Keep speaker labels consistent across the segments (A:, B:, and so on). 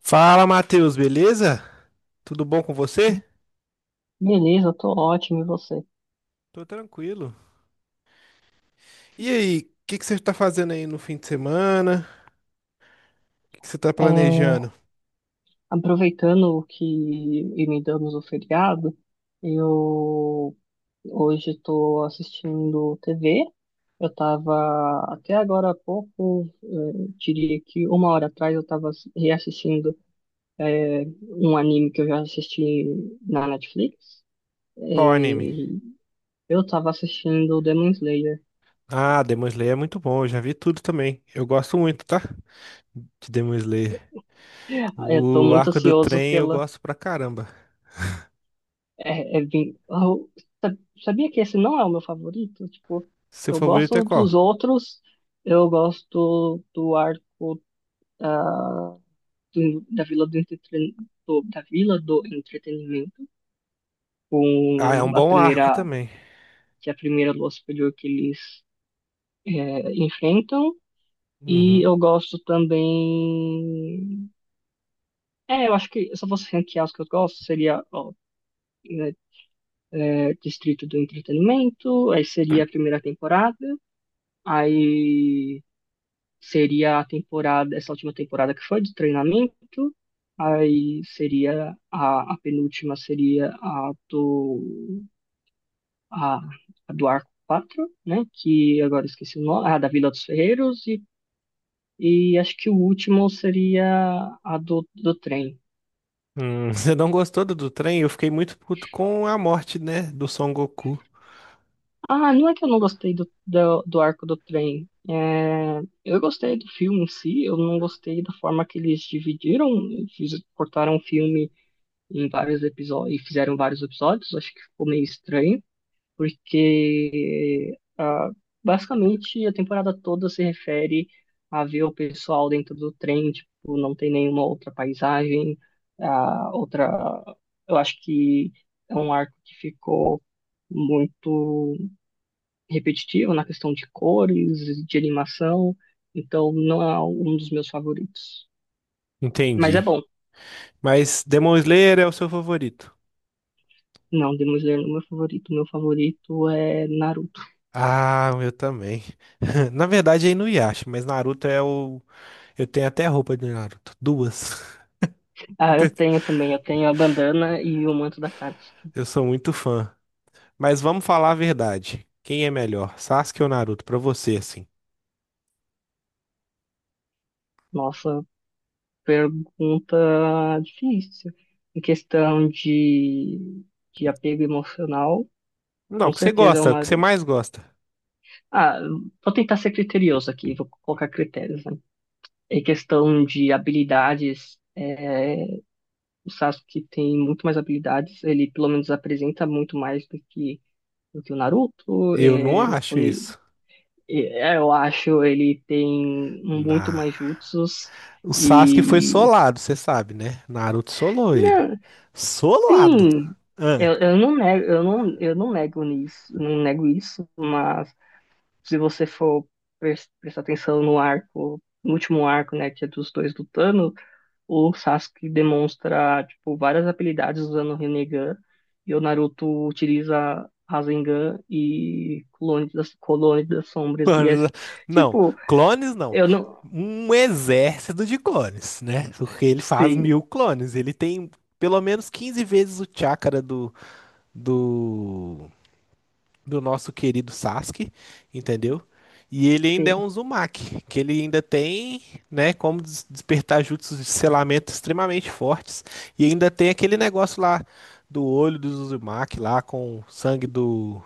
A: Fala, Matheus, beleza? Tudo bom com você?
B: Beleza, eu tô ótimo, e você?
A: Tô tranquilo. E aí, o que que você tá fazendo aí no fim de semana? O que que você tá
B: É,
A: planejando?
B: aproveitando que emendamos o feriado, eu hoje estou assistindo TV. Eu estava até agora há pouco, diria que uma hora atrás, eu estava reassistindo um anime que eu já assisti na Netflix.
A: Qual anime?
B: Eh, eu estava assistindo Demon Slayer.
A: Ah, Demon Slayer é muito bom, eu já vi tudo também. Eu gosto muito, tá? De Demon Slayer.
B: Estou
A: O
B: muito
A: arco do
B: ansioso
A: trem eu
B: pela.
A: gosto pra caramba.
B: É bem. Eu sa- sabia que esse não é o meu favorito? Tipo,
A: Seu
B: eu
A: favorito é
B: gosto
A: qual?
B: dos outros, eu gosto do arco da, da Vila da Vila do Entretenimento,
A: Ah, é um
B: com a
A: bom arco
B: primeira,
A: também.
B: que é a primeira lua superior que eles enfrentam. E
A: Uhum.
B: eu gosto também. É, eu acho que se eu fosse ranquear os que eu gosto, seria ó, né, Distrito do Entretenimento, aí seria a primeira temporada. Aí seria a temporada, essa última temporada que foi de treinamento. Aí seria a penúltima seria a, a do Arco quatro, né? Que agora eu esqueci o nome, a da Vila dos Ferreiros e acho que o último seria a do trem.
A: Você não gostou do trem? Eu fiquei muito puto com a morte, né, do Son Goku.
B: Ah, não é que eu não gostei do arco do trem. É, eu gostei do filme em si, eu não gostei da forma que eles dividiram, cortaram o filme em vários episódios, e fizeram vários episódios, acho que ficou meio estranho, porque basicamente a temporada toda se refere a ver o pessoal dentro do trem, tipo, não tem nenhuma outra paisagem, a outra, eu acho que é um arco que ficou muito repetitivo na questão de cores, de animação, então não é um dos meus favoritos. Mas é
A: Entendi.
B: bom.
A: Mas Demon Slayer é o seu favorito.
B: Não, Demon Slayer não é meu favorito. Meu favorito é Naruto.
A: Ah, eu também. Na verdade, é Inuyasha, mas Naruto é o. Eu tenho até roupa de Naruto. Duas.
B: Ah, eu
A: Entendeu?
B: tenho também. Eu tenho a bandana e o manto da Katsuki.
A: Eu sou muito fã. Mas vamos falar a verdade. Quem é melhor, Sasuke ou Naruto? Pra você, assim.
B: Nossa, pergunta difícil. Em questão de apego emocional,
A: Não, o
B: com
A: que você
B: certeza é o
A: gosta, o que você
B: Naruto.
A: mais gosta.
B: Ah, vou tentar ser criterioso aqui, vou colocar critérios, né? Em questão de habilidades, o Sasuke tem muito mais habilidades, ele pelo menos apresenta muito mais do que, o Naruto.
A: Eu não acho isso.
B: Eu acho ele tem um muito
A: Na...
B: mais jutsus
A: O Sasuke foi
B: e
A: solado, você sabe, né? Naruto solou ele.
B: não,
A: Solado.
B: sim, eu não nego, eu não nego nisso, não nego isso, mas se você for prestar atenção no arco, no último arco, né, que é dos dois lutando, o Sasuke demonstra tipo várias habilidades usando o Rinnegan e o Naruto utiliza Rasengan e Clone das Sombras e é
A: Não,
B: tipo,
A: clones não.
B: eu não.
A: Um exército de clones, né? Porque ele faz
B: Sim.
A: 1.000 clones. Ele tem pelo menos 15 vezes o chakra do, do nosso querido Sasuke, entendeu? E ele ainda é
B: Sim.
A: um Uzumaki, que ele ainda tem, né, como despertar jutsus de selamento extremamente fortes. E ainda tem aquele negócio lá do olho dos Uzumaki lá com o sangue do.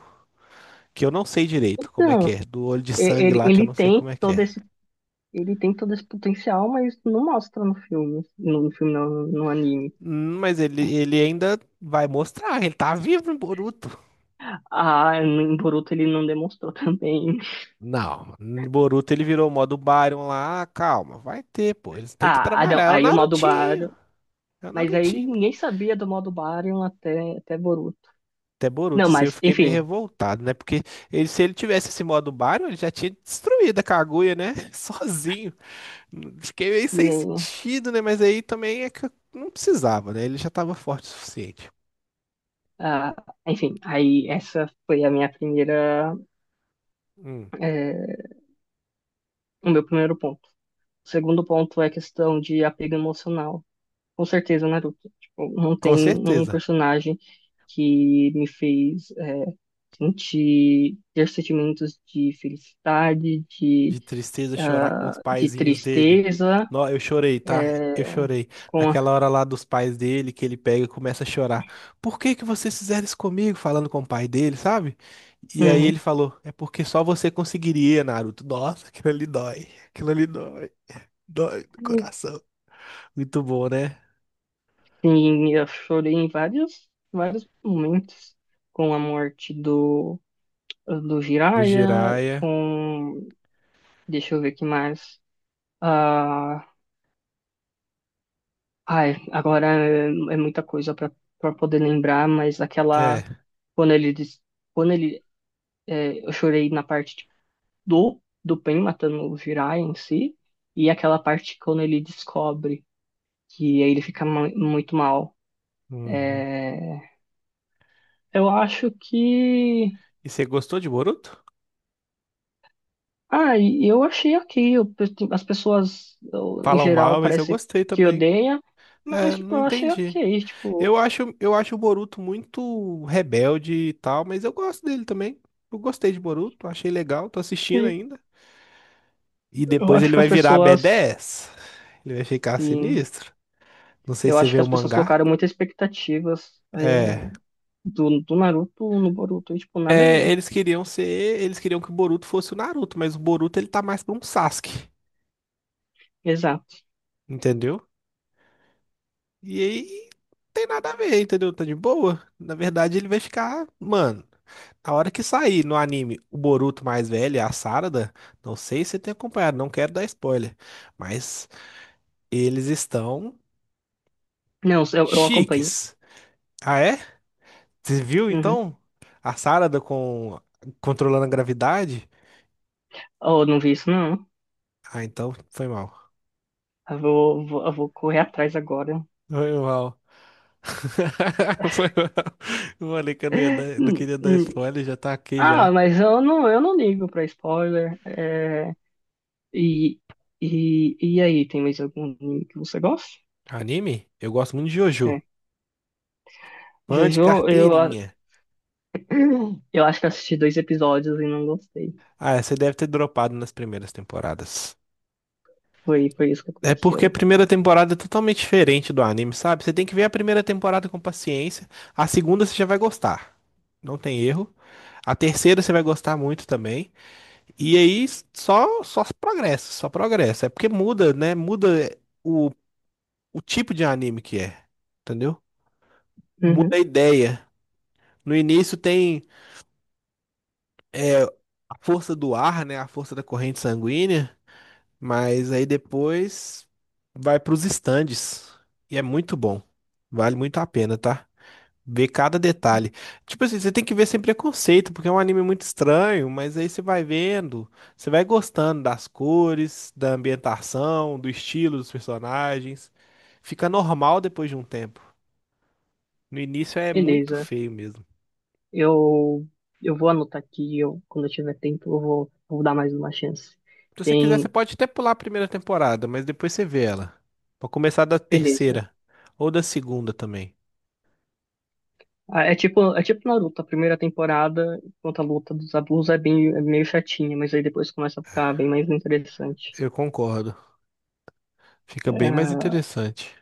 A: Que eu não sei direito como é
B: Então,
A: que é. Do olho de
B: e-
A: sangue
B: ele,
A: lá que eu
B: ele
A: não sei
B: tem
A: como é que
B: todo
A: é.
B: esse, ele tem todo esse potencial, mas não mostra no filme, no filme não, no anime.
A: Mas ele ainda vai mostrar, ele tá vivo no Boruto.
B: Ah, em Boruto ele não demonstrou também.
A: Não, no Boruto ele virou o modo Baryon lá, calma, vai ter, pô, eles têm que
B: Ah, ah,
A: trabalhar,
B: não,
A: é o
B: aí o modo
A: Narutinho,
B: Baryon,
A: é o
B: mas aí
A: Narutinho. Pô.
B: ninguém sabia do modo Baryon até Boruto.
A: Até Boruto,
B: Não,
A: se eu
B: mas
A: fiquei meio
B: enfim,
A: revoltado, né? Porque se ele tivesse esse modo Baryon, ele já tinha destruído a Kaguya, né? Sozinho. Fiquei meio sem
B: e,
A: sentido, né? Mas aí também é que eu não precisava, né? Ele já tava forte o suficiente.
B: ah, enfim, aí essa foi a minha primeira,
A: Hum,
B: eh, o meu primeiro ponto. O segundo ponto é a questão de apego emocional. Com certeza Naruto. Tipo, não tem
A: com
B: um
A: certeza.
B: personagem que me fez sentir ter sentimentos de felicidade,
A: De tristeza, chorar com os
B: de
A: paizinhos dele.
B: tristeza,
A: Nó, eu chorei, tá?
B: é,
A: Eu chorei.
B: com a...
A: Naquela hora lá dos pais dele, que ele pega e começa a chorar. Por que que vocês fizeram isso comigo? Falando com o pai dele, sabe? E aí ele
B: Uhum.
A: falou, é porque só você conseguiria, Naruto. Nossa, aquilo ali dói. Aquilo ali dói. Dói do coração. Muito bom, né?
B: Sim, eu chorei em vários, vários momentos com a morte do
A: Do
B: Jiraiya,
A: Jiraiya.
B: com... Deixa eu ver o que mais. ah agora é muita coisa para poder lembrar, mas aquela
A: É.
B: quando ele diz, quando ele, eu chorei na parte tipo, do Pen matando o Jiraiya em si e aquela parte quando ele descobre que aí ele fica muito mal.
A: Uhum.
B: É, eu acho que
A: E você gostou de Boruto?
B: e eu achei ok. As pessoas em
A: Falam
B: geral
A: mal, mas eu
B: parece
A: gostei
B: que
A: também.
B: odeia, mas
A: É,
B: tipo
A: não
B: eu achei
A: entendi.
B: ok.
A: Eu
B: Tipo,
A: acho, eu acho o Boruto muito rebelde e tal, mas eu gosto dele também. Eu gostei de Boruto, achei legal, tô assistindo
B: e
A: ainda. E
B: eu
A: depois
B: acho
A: ele
B: que
A: vai
B: as
A: virar
B: pessoas
A: B10. Ele vai ficar
B: sim,
A: sinistro. Não sei
B: eu
A: se você
B: acho
A: vê
B: que
A: o
B: as pessoas
A: mangá.
B: colocaram muitas expectativas é,
A: É.
B: do, do Naruto no Boruto, e, tipo, nada a
A: É,
B: ver.
A: eles queriam ser, Eles queriam que o Boruto fosse o Naruto, mas o Boruto ele tá mais pra um Sasuke,
B: Exato.
A: entendeu? E aí, tem nada a ver, entendeu? Tá de boa. Na verdade, ele vai ficar, mano. Na hora que sair no anime o Boruto mais velho, a Sarada, não sei se você tem acompanhado, não quero dar spoiler, mas eles estão
B: Não, eu acompanho.
A: chiques. Ah, é? Você viu
B: Uhum.
A: então a Sarada com controlando a gravidade?
B: Oh, não vi isso, não.
A: Ah, então foi mal.
B: Eu vou correr atrás agora.
A: Foi mal. Foi mal. Eu falei que eu não ia dar, não
B: Hum,
A: queria dar
B: hum.
A: spoiler, já tá aqui
B: Ah,
A: já.
B: mas eu não, ligo pra spoiler. E, e aí, tem mais algum anime que você gosta?
A: Anime? Eu gosto muito de Jojo.
B: É.
A: Fã de
B: Jojo,
A: carteirinha.
B: eu acho que assisti dois episódios e não gostei.
A: Ah, você deve ter dropado nas primeiras temporadas.
B: Foi isso que
A: É
B: aconteceu.
A: porque a primeira temporada é totalmente diferente do anime, sabe? Você tem que ver a primeira temporada com paciência. A segunda você já vai gostar. Não tem erro. A terceira você vai gostar muito também. E aí só progressa, só progressa. É porque muda, né? Muda o, o tipo de anime que é. Entendeu? Muda a
B: Uhum.
A: ideia. No início tem a força do ar, né? A força da corrente sanguínea. Mas aí depois vai para os estandes e é muito bom. Vale muito a pena, tá? Ver cada detalhe. Tipo assim, você tem que ver sem preconceito, porque é um anime muito estranho, mas aí você vai vendo, você vai gostando das cores, da ambientação, do estilo dos personagens. Fica normal depois de um tempo. No início é muito
B: Beleza.
A: feio mesmo.
B: Eu, eu vou anotar aqui, quando eu tiver tempo, eu vou dar mais uma chance.
A: Se você quiser, você
B: Tem.
A: pode até pular a primeira temporada, mas depois você vê ela. Pra começar da
B: Beleza.
A: terceira ou da segunda também.
B: Ah, é tipo Naruto, a primeira temporada, enquanto a luta dos Abus é bem, é meio chatinha, mas aí depois começa a ficar bem mais interessante.
A: Eu concordo. Fica bem mais
B: Ah,
A: interessante.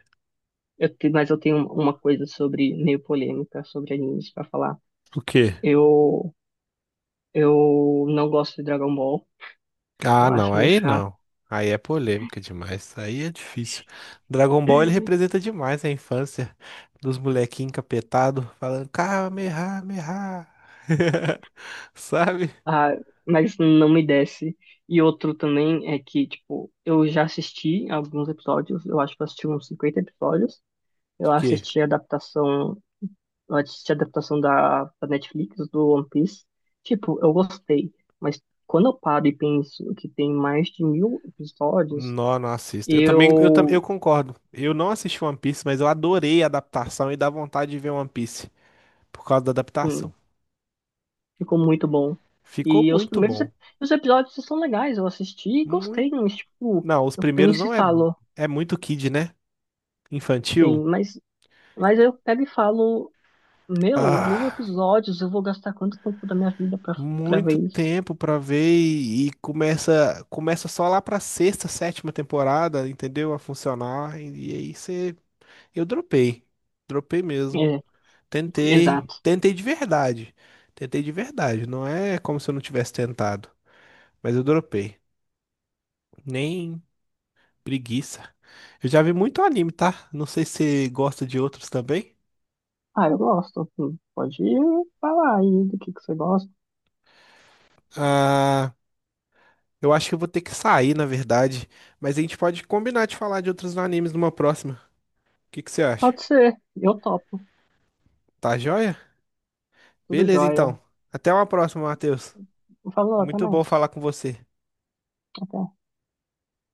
B: mas eu tenho uma coisa sobre, meio polêmica, sobre animes pra falar.
A: O quê?
B: Eu, eu não gosto de Dragon Ball,
A: Ah,
B: eu
A: não,
B: acho meio
A: aí
B: chato,
A: não. Aí é polêmica demais. Aí é difícil. Dragon Ball ele representa demais a infância dos molequinhos encapetados falando Kamehameha. Sabe?
B: ah, mas não me desce. E outro também é que, tipo, eu já assisti alguns episódios, eu acho que eu assisti uns 50 episódios.
A: De
B: Eu
A: quê?
B: assisti a adaptação antes de adaptação da Netflix, do One Piece, tipo, eu gostei, mas quando eu paro e penso que tem mais de 1.000 episódios.
A: Não, não assisto. Eu também, eu
B: eu,
A: concordo. Eu não assisti One Piece, mas eu adorei a adaptação e dá vontade de ver One Piece por causa da adaptação.
B: hum, ficou muito bom.
A: Ficou
B: E os
A: muito
B: primeiros
A: bom.
B: os episódios são legais, eu assisti e
A: Muito...
B: gostei, mas, tipo,
A: Não, os
B: eu
A: primeiros
B: penso e
A: não é.
B: falo,
A: É muito kid, né?
B: sim,
A: Infantil.
B: mas, eu pego e falo, meu, 1.000
A: Ah,
B: episódios, eu vou gastar quanto tempo da minha vida pra ver
A: muito
B: isso?
A: tempo pra ver e começa só lá pra sexta, sétima temporada, entendeu? A funcionar e aí você eu dropei. Dropei mesmo.
B: É,
A: Tentei,
B: exato.
A: tentei de verdade. Tentei de verdade, não é como se eu não tivesse tentado, mas eu dropei. Nem preguiça. Eu já vi muito anime, tá? Não sei se você gosta de outros também.
B: Ah, eu gosto. Pode falar aí do que você gosta.
A: Ah, eu acho que eu vou ter que sair, na verdade, mas a gente pode combinar de falar de outros animes numa próxima. O que que você acha?
B: Pode ser, eu topo,
A: Tá joia?
B: tudo
A: Beleza,
B: jóia.
A: então. Até uma próxima, Matheus.
B: Falou, até
A: Muito bom falar
B: mais.
A: com você.
B: Até.